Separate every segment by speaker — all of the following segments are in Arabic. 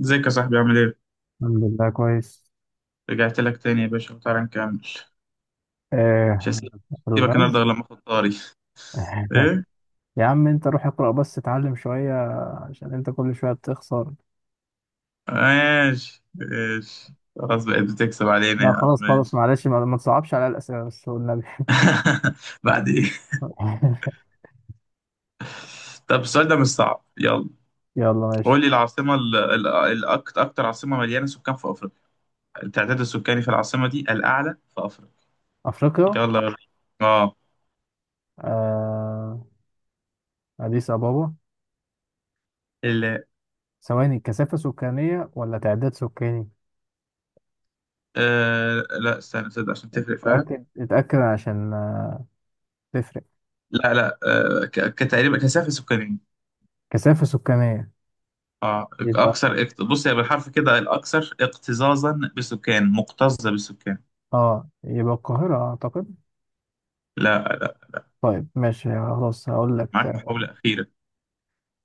Speaker 1: ازيك يا صاحبي عامل ايه؟
Speaker 2: الحمد لله كويس.
Speaker 1: رجعت لك تاني يا باشا وتعالى نكمل. مش
Speaker 2: آه
Speaker 1: هسيبك.
Speaker 2: في
Speaker 1: هسيبك النهارده
Speaker 2: الغاز.
Speaker 1: غير لما اخد طاري. ايه؟
Speaker 2: يا عم انت روح اقرأ بس اتعلم شوية، عشان انت كل شوية بتخسر.
Speaker 1: ماشي ماشي. خلاص بقيت بتكسب علينا
Speaker 2: لا
Speaker 1: يا عم
Speaker 2: خلاص خلاص،
Speaker 1: ماشي.
Speaker 2: معلش ما تصعبش على الأسئلة بس، والنبي.
Speaker 1: بعد ايه؟ طب السؤال ده مش صعب، يلا.
Speaker 2: يلا
Speaker 1: قول
Speaker 2: ماشي.
Speaker 1: لي العاصمة أكتر عاصمة مليانة سكان في أفريقيا، التعداد السكاني في العاصمة دي الأعلى في أفريقيا.
Speaker 2: أفريقيا.
Speaker 1: يلا وريني. اه.
Speaker 2: آه أديس أبابا.
Speaker 1: ال.
Speaker 2: ثواني، كثافة سكانية ولا تعداد سكاني؟
Speaker 1: آه. لا استنى تصدق عشان تفرق فعلا.
Speaker 2: اتأكد اتأكد عشان تفرق.
Speaker 1: لا لا. آه ك- كتقريبا كثافة سكانية.
Speaker 2: كثافة سكانية
Speaker 1: اه.
Speaker 2: يبقى.
Speaker 1: اكثر بص هي بالحرف كده الاكثر اكتظاظا بسكان، مكتظه بسكان.
Speaker 2: اه يبقى القاهرة أعتقد.
Speaker 1: لا لا.
Speaker 2: طيب ماشي خلاص، هقول لك.
Speaker 1: معاك محاوله اخيره.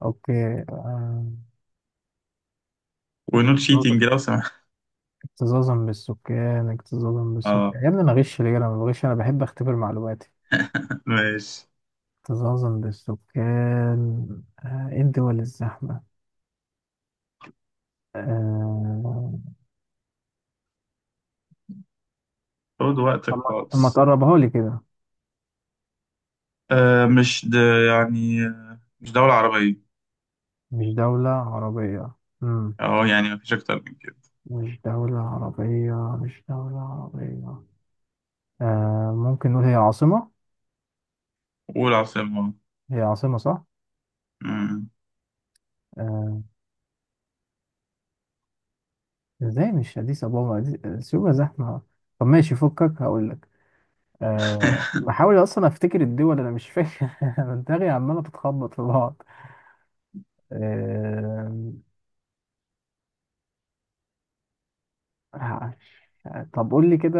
Speaker 2: أوكي.
Speaker 1: ونوت
Speaker 2: آه،
Speaker 1: شيتنج لو سمحت.
Speaker 2: اكتظاظا بالسكان اكتظاظا
Speaker 1: اه
Speaker 2: بالسكان، يا ابني انا غش ليه؟ انا ما بغش، انا بحب اختبر معلوماتي.
Speaker 1: ماشي.
Speaker 2: اكتظاظا بالسكان. ايه الدول الزحمة؟ آه،
Speaker 1: خد وقتك
Speaker 2: طب ما
Speaker 1: خالص.
Speaker 2: تقربها لي كده.
Speaker 1: آه مش د... مش دوله عربيه.
Speaker 2: مش دولة عربية. مم.
Speaker 1: اه يعني مفيش اكتر من كده.
Speaker 2: مش دولة عربية، مش دولة عربية. ممكن نقول هي عاصمة.
Speaker 1: قول عاصمه.
Speaker 2: هي عاصمة، صح؟
Speaker 1: مم.
Speaker 2: آه، ازاي مش أديس أبابا؟ سيوة زحمة. طب ماشي فكك، هقول لك. بحاول اصلا افتكر الدول، انا مش فاكر. أنا دماغي عماله بتخبط في بعض. أه ه- طب قول لي كده.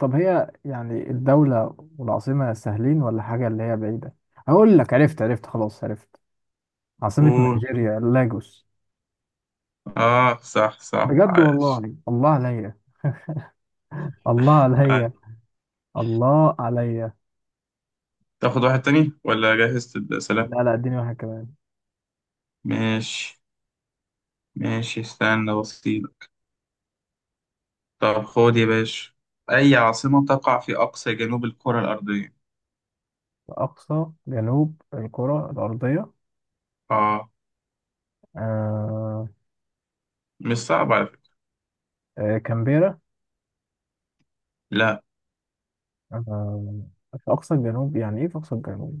Speaker 2: طب هي يعني الدوله والعاصمه سهلين ولا حاجه اللي هي بعيده؟ هقول لك عرفت عرفت، خلاص عرفت. عاصمه
Speaker 1: قول.
Speaker 2: نيجيريا، لاجوس.
Speaker 1: اه صح صح
Speaker 2: بجد
Speaker 1: عايش.
Speaker 2: والله. الله عليا، الله
Speaker 1: عايش.
Speaker 2: عليا، الله عليا.
Speaker 1: تاخد واحد تاني ولا جهزت السلام؟
Speaker 2: لا لا، اديني واحد كمان.
Speaker 1: ماشي ماشي. استنى بسيط. طب خد يا باشا، أي عاصمة تقع في أقصى جنوب الكرة الأرضية؟
Speaker 2: اقصى جنوب الكره الارضيه.
Speaker 1: آه
Speaker 2: أه.
Speaker 1: مش صعب على فكرة.
Speaker 2: كامبيرا.
Speaker 1: لا.
Speaker 2: آه، في أقصى الجنوب، يعني إيه في أقصى الجنوب؟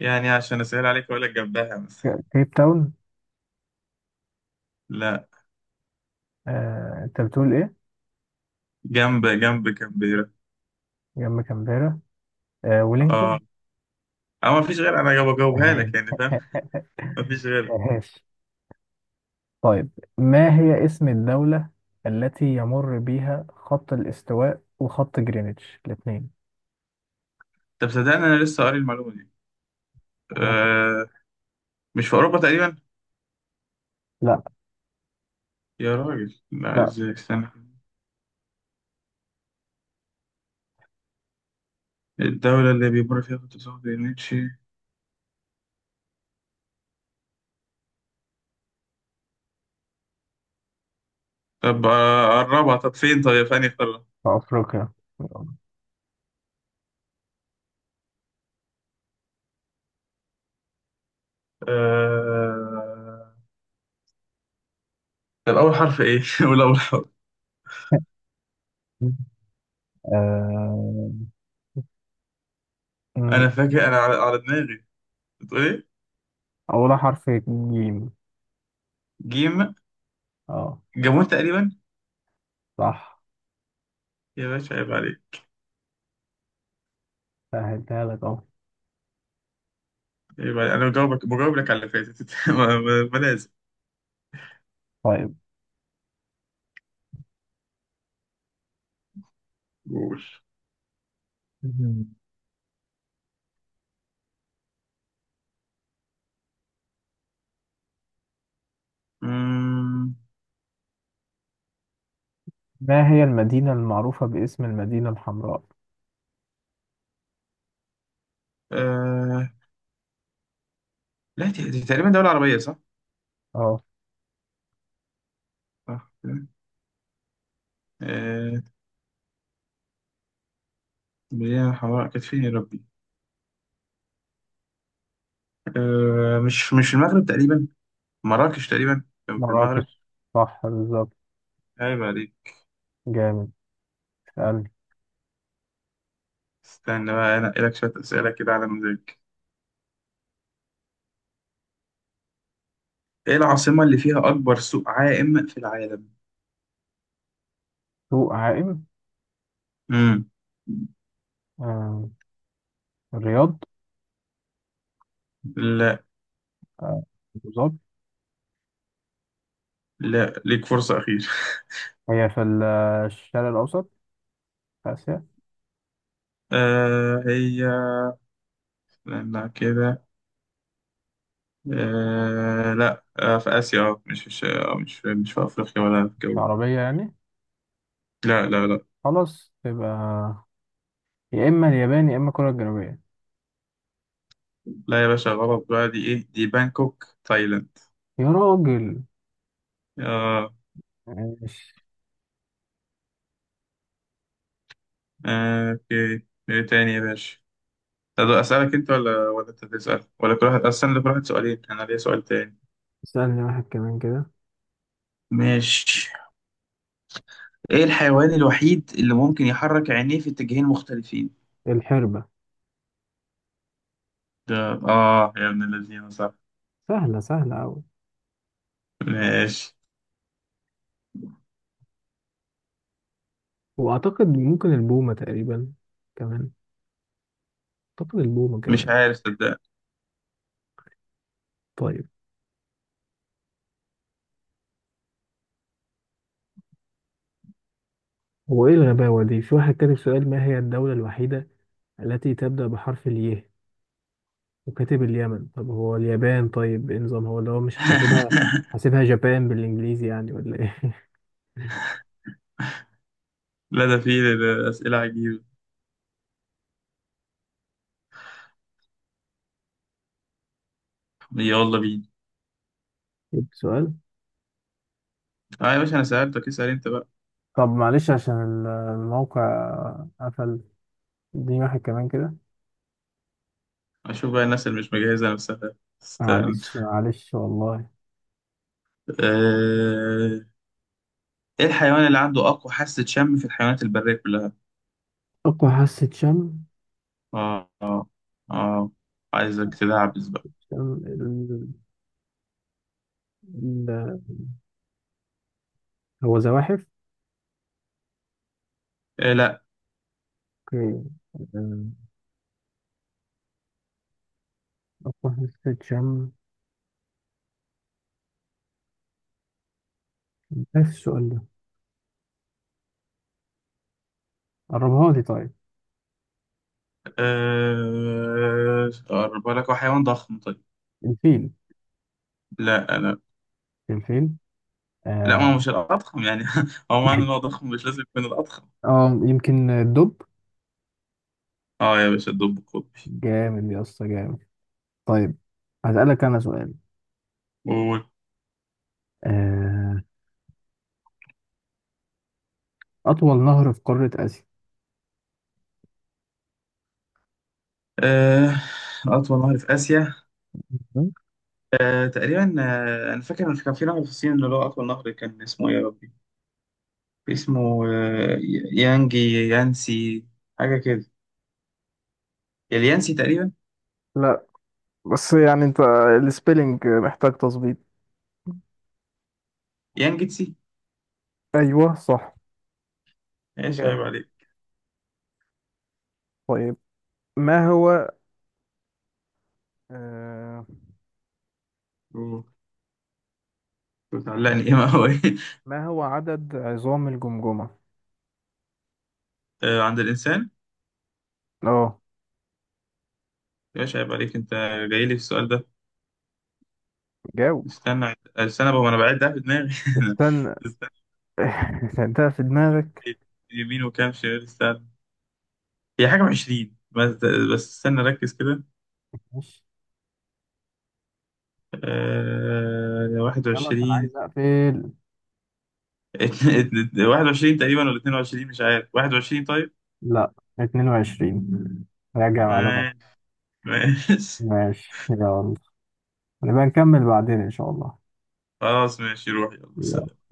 Speaker 1: يعني عشان أسهل عليك أقول لك جنبها مثلا.
Speaker 2: كيب تاون.
Speaker 1: لا.
Speaker 2: أنت بتقول إيه؟
Speaker 1: جنب كامبيرا.
Speaker 2: جنب كامبيرا.
Speaker 1: آه.
Speaker 2: ولينغتون.
Speaker 1: أو مفيش غير، أنا جاوب- بجاوبها لك يعني، فاهم؟ مفيش غير.
Speaker 2: ماشي. طيب، ما هي اسم الدولة التي يمر بها خط الاستواء وخط جرينتش الاثنين؟
Speaker 1: طب صدقني أنا لسه قاري المعلومة دي. آه مش في أوروبا تقريبا؟
Speaker 2: لا
Speaker 1: يا راجل لا
Speaker 2: لا.
Speaker 1: إزاي، استنى. الدولة اللي بيمر فيها خط السواد نيتشي. طب قربها، طب فين، طب يا فاني قربها.
Speaker 2: في أفريقيا.
Speaker 1: آه... طب أول حرف إيه؟ قول أول حرف.
Speaker 2: آه، م،
Speaker 1: انا فاكر انا على دماغي. بتقول ايه؟
Speaker 2: أولها حرف جيم.
Speaker 1: جيم.
Speaker 2: اه
Speaker 1: جابون تقريبا.
Speaker 2: صح.
Speaker 1: يا باشا عيب عليك.
Speaker 2: سهلتها لك اهو.
Speaker 1: عيب عليك، انا بجاوبك، بجاوب لك على اللي فاتت ما لازم.
Speaker 2: طيب،
Speaker 1: قول. أمم،
Speaker 2: ما هي المدينة المعروفة باسم المدينة الحمراء؟
Speaker 1: آه... لا دي تقريبا دولة عربية، صح؟
Speaker 2: اه.
Speaker 1: صح كده. آه... مليانة حمراء، كانت فين يا ربي؟ مش مش المغرب تقريبا؟ مراكش تقريبا، كان في المغرب.
Speaker 2: مراكش. صح بالظبط.
Speaker 1: عيب عليك.
Speaker 2: جامد. سألني.
Speaker 1: استنى بقى انا لك شوية أسئلة كده على مزاجك. ايه العاصمة اللي فيها أكبر سوق عائم في العالم؟
Speaker 2: سوق عائم.
Speaker 1: امم.
Speaker 2: آه. الرياض. آه، أبو ظبي.
Speaker 1: لا ليك فرصة أخيرة.
Speaker 2: هي في الشرق الأوسط، في آسيا.
Speaker 1: آه هي، لا كده، آه لا آه في آسيا، مش في أفريقيا ولا في
Speaker 2: مش
Speaker 1: الجو.
Speaker 2: عربية يعني؟
Speaker 1: لا لا لا.
Speaker 2: خلاص، تبقى يا إما اليابان يا إما كوريا الجنوبية.
Speaker 1: لا يا باشا غلط بقى، دي إيه دي، بانكوك تايلاند.
Speaker 2: يا راجل.
Speaker 1: آه
Speaker 2: ماشي.
Speaker 1: آه. أوكي إيه تاني يا باشا؟ طب أسألك أنت ولا أنت تسأل، ولا كل واحد، أستنى كل واحد سؤالين، أنا ليا سؤال تاني.
Speaker 2: اسألني واحد كمان كده.
Speaker 1: ماشي. إيه الحيوان الوحيد اللي ممكن يحرك عينيه في اتجاهين مختلفين؟
Speaker 2: الحربة.
Speaker 1: ده. آه يا ابن الذين صح.
Speaker 2: سهلة سهلة أوي.
Speaker 1: ماشي.
Speaker 2: وأعتقد ممكن البومة تقريبا كمان. أعتقد البومة كمان.
Speaker 1: مش عارف صدق.
Speaker 2: طيب، هو ايه الغباوة دي؟ في واحد كاتب سؤال: ما هي الدولة الوحيدة التي تبدأ بحرف الياء؟ وكاتب اليمن. طب هو اليابان؟ طيب ايه نظام هو اللي هو مش حاسبها؟ حاسبها جابان بالانجليزي يعني ولا ايه؟
Speaker 1: لا ده فيه أسئلة عجيبة. يلا بينا.
Speaker 2: جبت سؤال.
Speaker 1: اه يا باشا أنا سألتك، اسأل أنت بقى.
Speaker 2: طب معلش، عشان الموقع قفل. اديني واحد كمان كده.
Speaker 1: أشوف بقى الناس اللي مش مجهزة نفسها. استنى.
Speaker 2: معلش معلش والله.
Speaker 1: آه، إيه الحيوان اللي عنده أقوى حاسة شم في الحيوانات البرية كلها؟
Speaker 2: أقوى حاسة شم.
Speaker 1: آه آه. آه. عايزك تدعبس بقى.
Speaker 2: شم ال... هو زواحف.
Speaker 1: إيه لا.
Speaker 2: اوكي. آه، أقوى حاسة شم. إيه السؤال ده؟ قربها لي طيب.
Speaker 1: أقرب لك، هو حيوان ضخم طيب.
Speaker 2: الفيل.
Speaker 1: لا لا
Speaker 2: الفيل.
Speaker 1: لا. ما
Speaker 2: آه،
Speaker 1: هو مش الأضخم يعني هو معنى إن هو ضخم مش لازم يكون الأضخم.
Speaker 2: اه يمكن الدب.
Speaker 1: آه يا باشا الدب القطبي.
Speaker 2: جامد يا اسطى، جامد. طيب، هسألك انا سؤال. آه، اطول نهر في قارة اسيا.
Speaker 1: آه، أطول نهر في آسيا. تقريبا، أنا فاكر إن كان في نهر في الصين اللي هو أطول نهر، كان اسمه إيه يا ربي؟ اسمه يانجي، يانسي، حاجة كده. اليانسي تقريبا.
Speaker 2: لا بس يعني انت السبيلنج محتاج تظبيط.
Speaker 1: يانجتسي.
Speaker 2: ايوه صح.
Speaker 1: إيش عيب
Speaker 2: جامد.
Speaker 1: عليك؟
Speaker 2: طيب، ما هو آه
Speaker 1: أوه، بتعلقني إيه ما هو إيه؟
Speaker 2: ما هو عدد عظام الجمجمة؟
Speaker 1: عند الإنسان.
Speaker 2: اه
Speaker 1: إيش عيب عليك أنت، جاي لي في السؤال ده.
Speaker 2: جاوب.
Speaker 1: استنى استنى بقى وأنا بعد ده في دماغي.
Speaker 2: استنى.
Speaker 1: استنى.
Speaker 2: ده في دماغك.
Speaker 1: يمين وكام شمال، استنى. هي حاجة وعشرين بس. بس استنى ركز كده.
Speaker 2: ماشي يلا، كان
Speaker 1: 21.
Speaker 2: عايز اقفل.
Speaker 1: 21 تقريبا، ولا 22 مش عارف، 21 طيب.
Speaker 2: لا، 22، راجع معلومات.
Speaker 1: آه... ماشي.
Speaker 2: ماشي يلا، هنبقى نكمل بعدين إن شاء الله.
Speaker 1: خلاص ماشي، روح، يلا
Speaker 2: يلا.
Speaker 1: سلام.